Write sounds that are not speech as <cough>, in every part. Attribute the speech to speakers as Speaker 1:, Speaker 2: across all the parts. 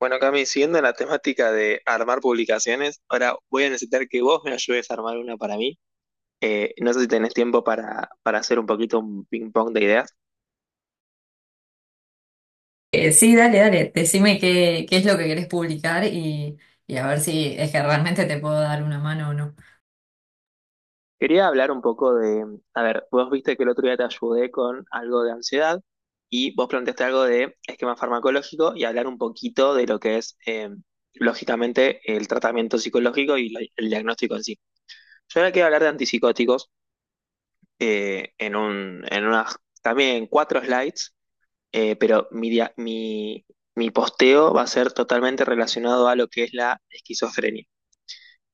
Speaker 1: Bueno, Cami, siguiendo la temática de armar publicaciones, ahora voy a necesitar que vos me ayudes a armar una para mí. No sé si tenés tiempo para hacer un poquito un ping-pong de ideas.
Speaker 2: Sí, dale, dale, decime qué, qué es lo que querés publicar y a ver si es que realmente te puedo dar una mano o no.
Speaker 1: Quería hablar un poco de, a ver, vos viste que el otro día te ayudé con algo de ansiedad y vos planteaste algo de esquema farmacológico y hablar un poquito de lo que es, lógicamente, el tratamiento psicológico y el diagnóstico en sí. Yo ahora quiero hablar de antipsicóticos, en unas, también en cuatro slides, pero mi posteo va a ser totalmente relacionado a lo que es la esquizofrenia,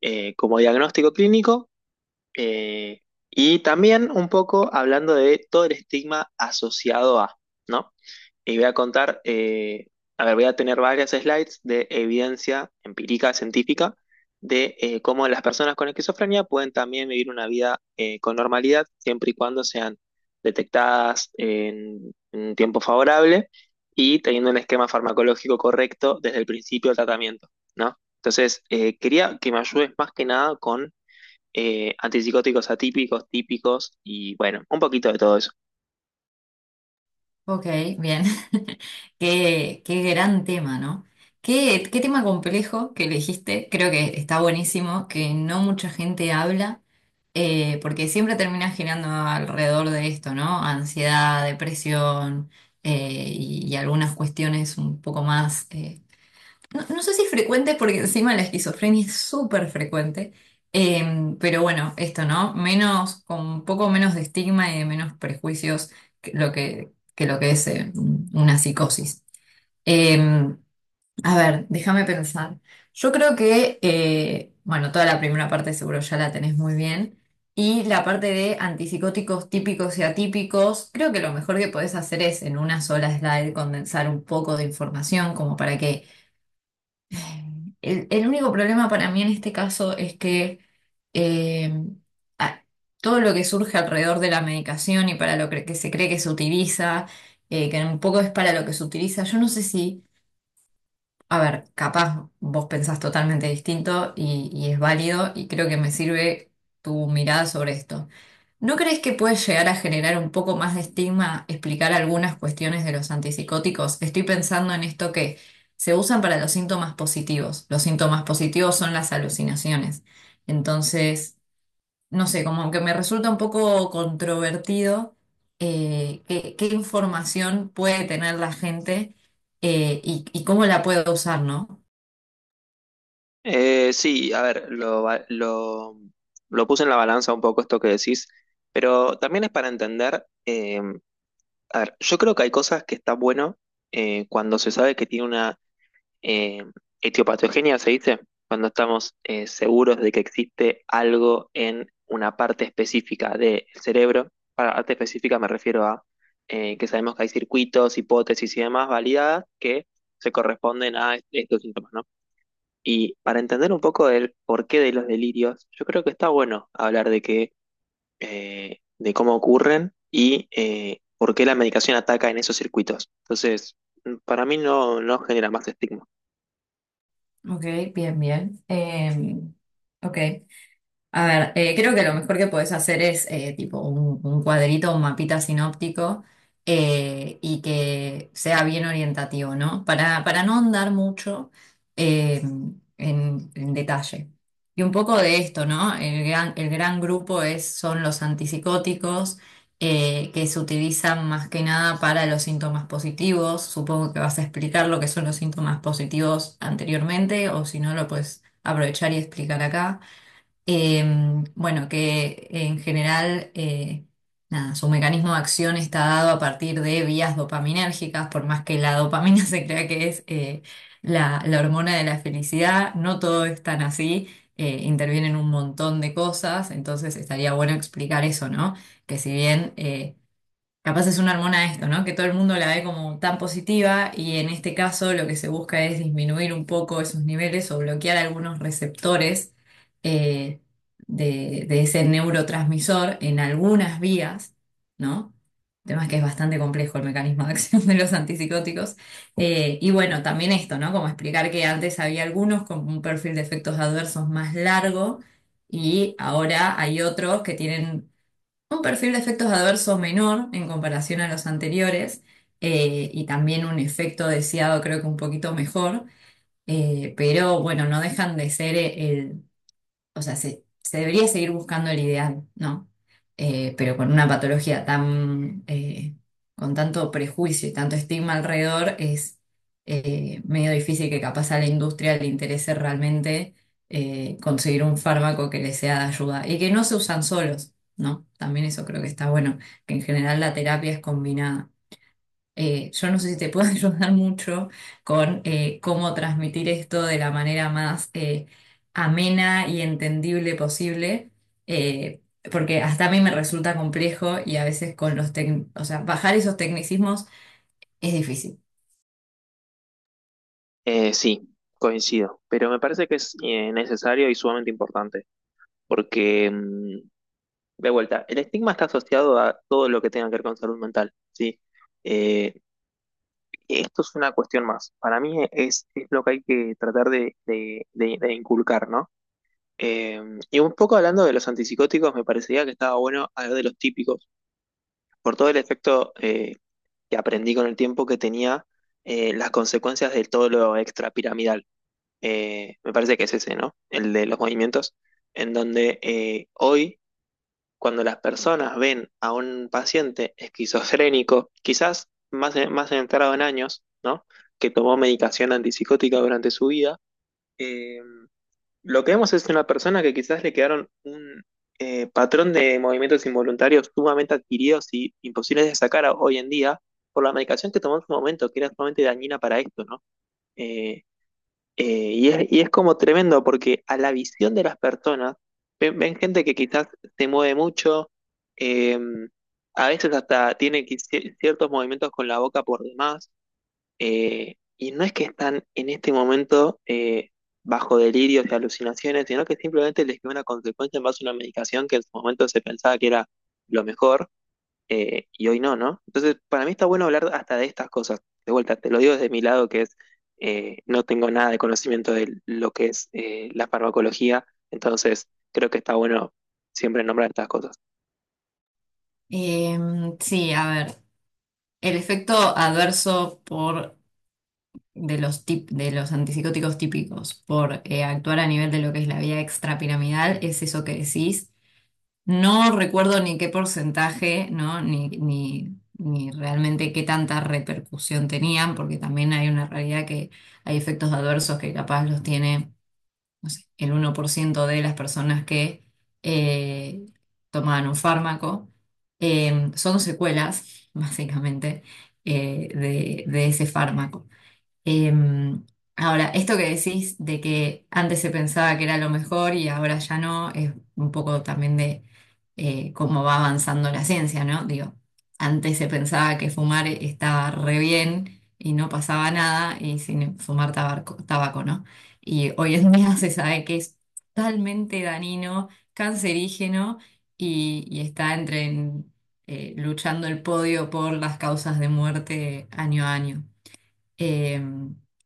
Speaker 1: como diagnóstico clínico, eh, y también un poco hablando de todo el estigma asociado a, ¿no? Y voy a contar, a ver, voy a tener varias slides de evidencia empírica científica de cómo las personas con esquizofrenia pueden también vivir una vida, con normalidad, siempre y cuando sean detectadas en un tiempo favorable y teniendo un esquema farmacológico correcto desde el principio del tratamiento, ¿no? Entonces, quería que me ayudes más que nada con, antipsicóticos atípicos, típicos y bueno, un poquito de todo eso.
Speaker 2: Ok, bien. <laughs> Qué, qué gran tema, ¿no? Qué, qué tema complejo que elegiste. Creo que está buenísimo, que no mucha gente habla, porque siempre termina girando alrededor de esto, ¿no? Ansiedad, depresión, y algunas cuestiones un poco más... no, no sé si es frecuente porque encima la esquizofrenia es súper frecuente. Pero bueno, esto, ¿no? Menos, con un poco menos de estigma y de menos prejuicios que lo que es una psicosis. Em, a ver, déjame pensar. Yo creo que, bueno, toda la primera parte seguro ya la tenés muy bien. Y la parte de antipsicóticos típicos y atípicos, creo que lo mejor que podés hacer es en una sola slide condensar un poco de información como para que el único problema para mí en este caso es que eh, a- todo lo que surge alrededor de la medicación y para que se cree que se utiliza, que un poco es para lo que se utiliza, yo no sé si a ver, capaz vos pensás totalmente distinto y es válido y creo que me sirve tu mirada sobre esto. ¿No crees que puede llegar a generar un poco más de estigma explicar algunas cuestiones de los antipsicóticos? Estoy pensando en esto que se usan para los síntomas positivos. Los síntomas positivos son las alucinaciones. Entonces no sé, como que me resulta un poco controvertido, qué, qué información puede tener la gente, y cómo la puedo usar, ¿no?
Speaker 1: Sí, a ver, lo puse en la balanza un poco esto que decís, pero también es para entender, a ver, yo creo que hay cosas que está bueno, cuando se sabe que tiene una, eh, etiopatogenia, se dice, cuando estamos seguros de que existe algo en una parte específica del cerebro. Para parte específica me refiero a, que sabemos que hay circuitos, hipótesis y demás validadas que se corresponden a estos síntomas, ¿no? Y para entender un poco el porqué de los delirios, yo creo que está bueno hablar de que, de cómo ocurren y por qué la medicación ataca en esos circuitos. Entonces, mm, para mí no, no genera más estigma.
Speaker 2: Ok, bien, bien. Ok. A ver, creo que lo mejor que podés hacer es tipo un cuadrito, un mapita sinóptico, y que sea bien orientativo, ¿no? Para no andar mucho eh, en detalle. Y un poco de esto, ¿no? El gran grupo es, son los antipsicóticos, que se utilizan más que nada para los síntomas positivos. Supongo que vas a explicar lo que son los síntomas positivos anteriormente o si no lo puedes aprovechar y explicar acá. Eh, bueno, que en general, nada, su mecanismo de acción está dado a partir de vías dopaminérgicas, por más que la dopamina <laughs> se crea que es la, la hormona de la felicidad, no todo es tan así. Intervienen un montón de cosas, entonces estaría bueno explicar eso, ¿no? Que si bien... capaz es una hormona esto, ¿no? Que todo el mundo la ve como tan positiva y en este caso lo que se busca es disminuir un poco esos niveles o bloquear algunos receptores, eh, de ese neurotransmisor en algunas vías, ¿no? El tema es que es bastante complejo el mecanismo de acción <laughs> de los antipsicóticos. Y bueno, también esto, ¿no? Como explicar que antes había algunos con un perfil de efectos adversos más largo y ahora hay otros que tienen un perfil de efectos adversos menor en comparación a los anteriores, y también un efecto deseado creo que un poquito mejor. Pero bueno, no dejan de ser o sea, se debería seguir buscando el ideal, ¿no? Pero con una patología tan, con tanto prejuicio y tanto estigma alrededor, es medio difícil que capaz a la industria le interese realmente conseguir un fármaco que le sea de ayuda y que no se usan solos, ¿no? También eso creo que está bueno, que en general la terapia es combinada. Yo no sé si te puedo <laughs> ayudar mucho con cómo transmitir esto de la manera más amena y entendible posible, eh, porque hasta a mí me resulta complejo y a veces con los o sea, bajar esos tecnicismos es difícil.
Speaker 1: Sí, coincido, pero me parece que es necesario y sumamente importante, porque, mm, de vuelta, el estigma está asociado a todo lo que tenga que ver con salud mental, ¿sí? Eh, Esto es una cuestión más. Para mí es lo que hay que tratar de, de inculcar, ¿no? Eh, y un poco hablando de los antipsicóticos, me parecería que estaba bueno hablar de los típicos, por todo el efecto que aprendí con el tiempo que tenía, las consecuencias de todo lo extrapiramidal. Me parece que es ese, ¿no? El de los movimientos, en donde hoy, cuando las personas ven a un paciente esquizofrénico, quizás más, más entrado en años, ¿no? Que tomó medicación antipsicótica durante su vida. eh, lo que vemos es una persona que quizás le quedaron un, patrón de movimientos involuntarios sumamente adquiridos y imposibles de hoy en día por la medicación que tomó en su momento, que era sumamente dañina para esto, ¿no? Eh, y es, y es como tremendo porque a la visión de las personas ven, ven gente que quizás se mueve mucho, eh, a veces hasta tiene ciertos movimientos con la boca por demás, y no es que están en este momento bajo delirios y alucinaciones, sino que simplemente les quedó una consecuencia en base a una medicación que en su momento se pensaba que era lo mejor, y hoy no, ¿no? Entonces, para mí está bueno hablar hasta de estas cosas. De vuelta, te lo digo desde mi lado, que es, no tengo nada de conocimiento de lo que es la farmacología, entonces creo que está bueno siempre nombrar estas cosas.
Speaker 2: Eh, sí, a ver, el efecto adverso por de los de los antipsicóticos típicos por actuar a nivel de lo que es la vía extrapiramidal es eso que decís. No recuerdo ni qué porcentaje, ¿no? Ni, ni, ni realmente qué tanta repercusión tenían, porque también hay una realidad que hay efectos adversos que capaz los tiene, no sé, el uno por ciento de las personas que eh, toman un fármaco. Son secuelas, <laughs> básicamente, de ese fármaco. Em, Ahora, esto que decís de que antes se pensaba que era lo mejor y ahora ya no, es un poco también de cómo va avanzando la ciencia, ¿no? Digo, antes se pensaba que fumar estaba re bien y no pasaba nada y sin fumar tabaco, tabaco, ¿no? Y hoy en día se sabe que es totalmente dañino, cancerígeno, y está entre en, luchando el podio por las causas de muerte año a año. Eh,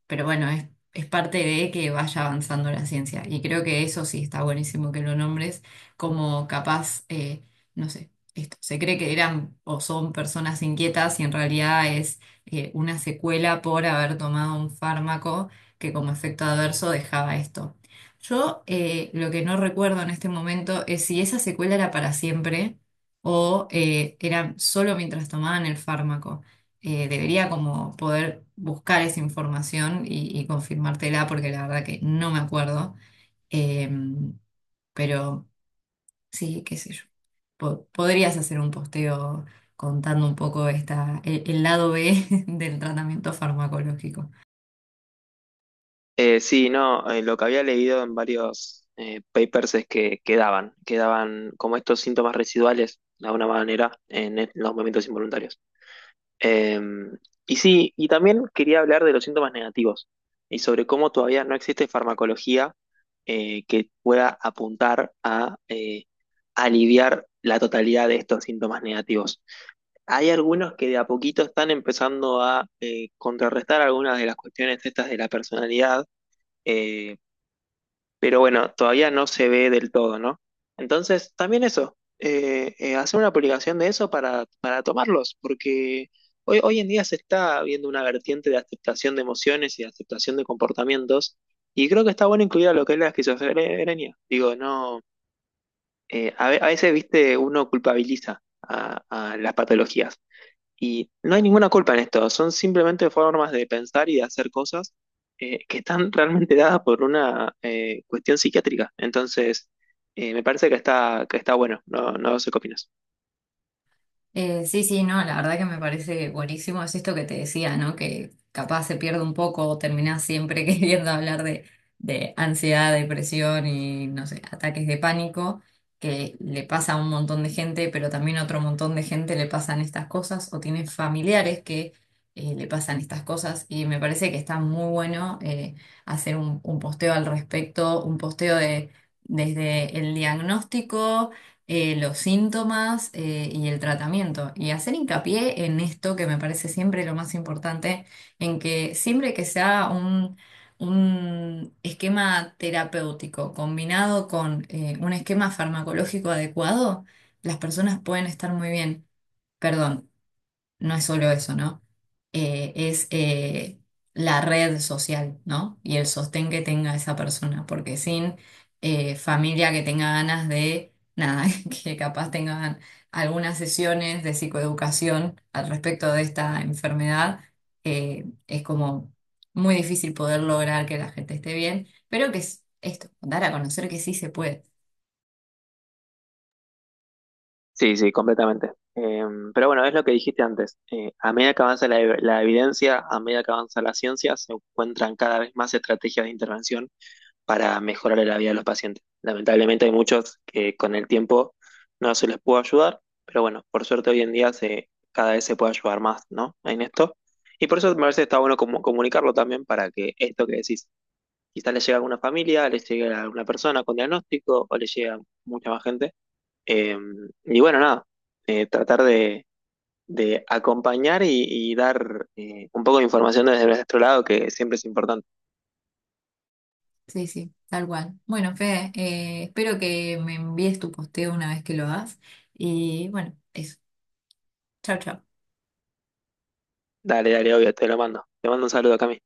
Speaker 2: pero bueno, es parte de que vaya avanzando la ciencia. Y creo que eso sí está buenísimo que lo nombres como capaz, no sé, esto. Se cree que eran o son personas inquietas y en realidad es una secuela por haber tomado un fármaco que como efecto adverso dejaba esto. Yo lo que no recuerdo en este momento es si esa secuela era para siempre o era solo mientras tomaban el fármaco. Debería como poder buscar esa información y confirmártela porque la verdad que no me acuerdo. Em, pero sí, qué sé yo. Podrías hacer un posteo contando un poco esta, el lado B <laughs> del tratamiento farmacológico.
Speaker 1: Sí, no, lo que había leído en varios papers es que quedaban como estos síntomas residuales, de alguna manera, en los movimientos involuntarios. Eh, y sí, y también quería hablar de los síntomas negativos y sobre cómo todavía no existe farmacología que pueda apuntar a aliviar la totalidad de estos síntomas negativos. Hay algunos que de a poquito están empezando a contrarrestar algunas de las cuestiones estas de la personalidad, eh, pero bueno, todavía no se ve del todo, ¿no? Entonces, también eso, hacer una publicación de eso para tomarlos, porque hoy, hoy en día se está viendo una vertiente de aceptación de emociones y de aceptación de comportamientos, y creo que está bueno incluir a lo que es la esquizofrenia. Digo, no, a, a veces, viste, uno culpabiliza a las patologías. Y no hay ninguna culpa en esto, son simplemente formas de pensar y de hacer cosas que están realmente dadas por una cuestión psiquiátrica. Entonces, me parece que está bueno, no, no sé qué opinas.
Speaker 2: Sí, sí, no, la verdad que me parece buenísimo, es esto que te decía, ¿no? Que capaz se pierde un poco, o terminás siempre <laughs> queriendo hablar de ansiedad, depresión y, no sé, ataques de pánico, que le pasa a un montón de gente, pero también a otro montón de gente le pasan estas cosas, o tiene familiares que le pasan estas cosas, y me parece que está muy bueno hacer un posteo al respecto, un posteo de, desde el diagnóstico, los síntomas y el tratamiento. Y hacer hincapié en esto que me parece siempre lo más importante, en que siempre que sea un esquema terapéutico combinado con un esquema farmacológico adecuado, las personas pueden estar muy bien. Perdón, no es solo eso, ¿no? Es la red social, ¿no? Y el sostén que tenga esa persona, porque sin familia que tenga ganas de, nada, <laughs> que capaz tengan algunas sesiones de psicoeducación al respecto de esta enfermedad, es como muy difícil poder lograr que la gente esté bien, pero que es esto, dar a conocer que sí se puede.
Speaker 1: Sí, sí, completamente. Pero bueno, es lo que dijiste antes. A medida que avanza la, la evidencia, a medida que avanza la ciencia, se encuentran cada vez más estrategias de intervención para mejorarle la vida a los pacientes. Lamentablemente hay muchos que con el tiempo no se les pudo ayudar, pero bueno, por suerte hoy en día se, cada vez se puede ayudar más, ¿no? En esto. Y por eso me parece que está bueno comunicarlo también para que esto que decís, quizás le llegue a alguna familia, le llegue a alguna persona con diagnóstico o le llegue a mucha más gente. Eh, y bueno, nada, tratar de acompañar y dar un poco de información desde nuestro lado, que siempre es importante.
Speaker 2: Sí, sí, tal cual. Bueno, Fede, espero que me envíes tu posteo una vez que lo hagas. Y bueno, eso. Chao, chao.
Speaker 1: Dale, dale, obvio, te lo mando. Te mando un saludo, Cami.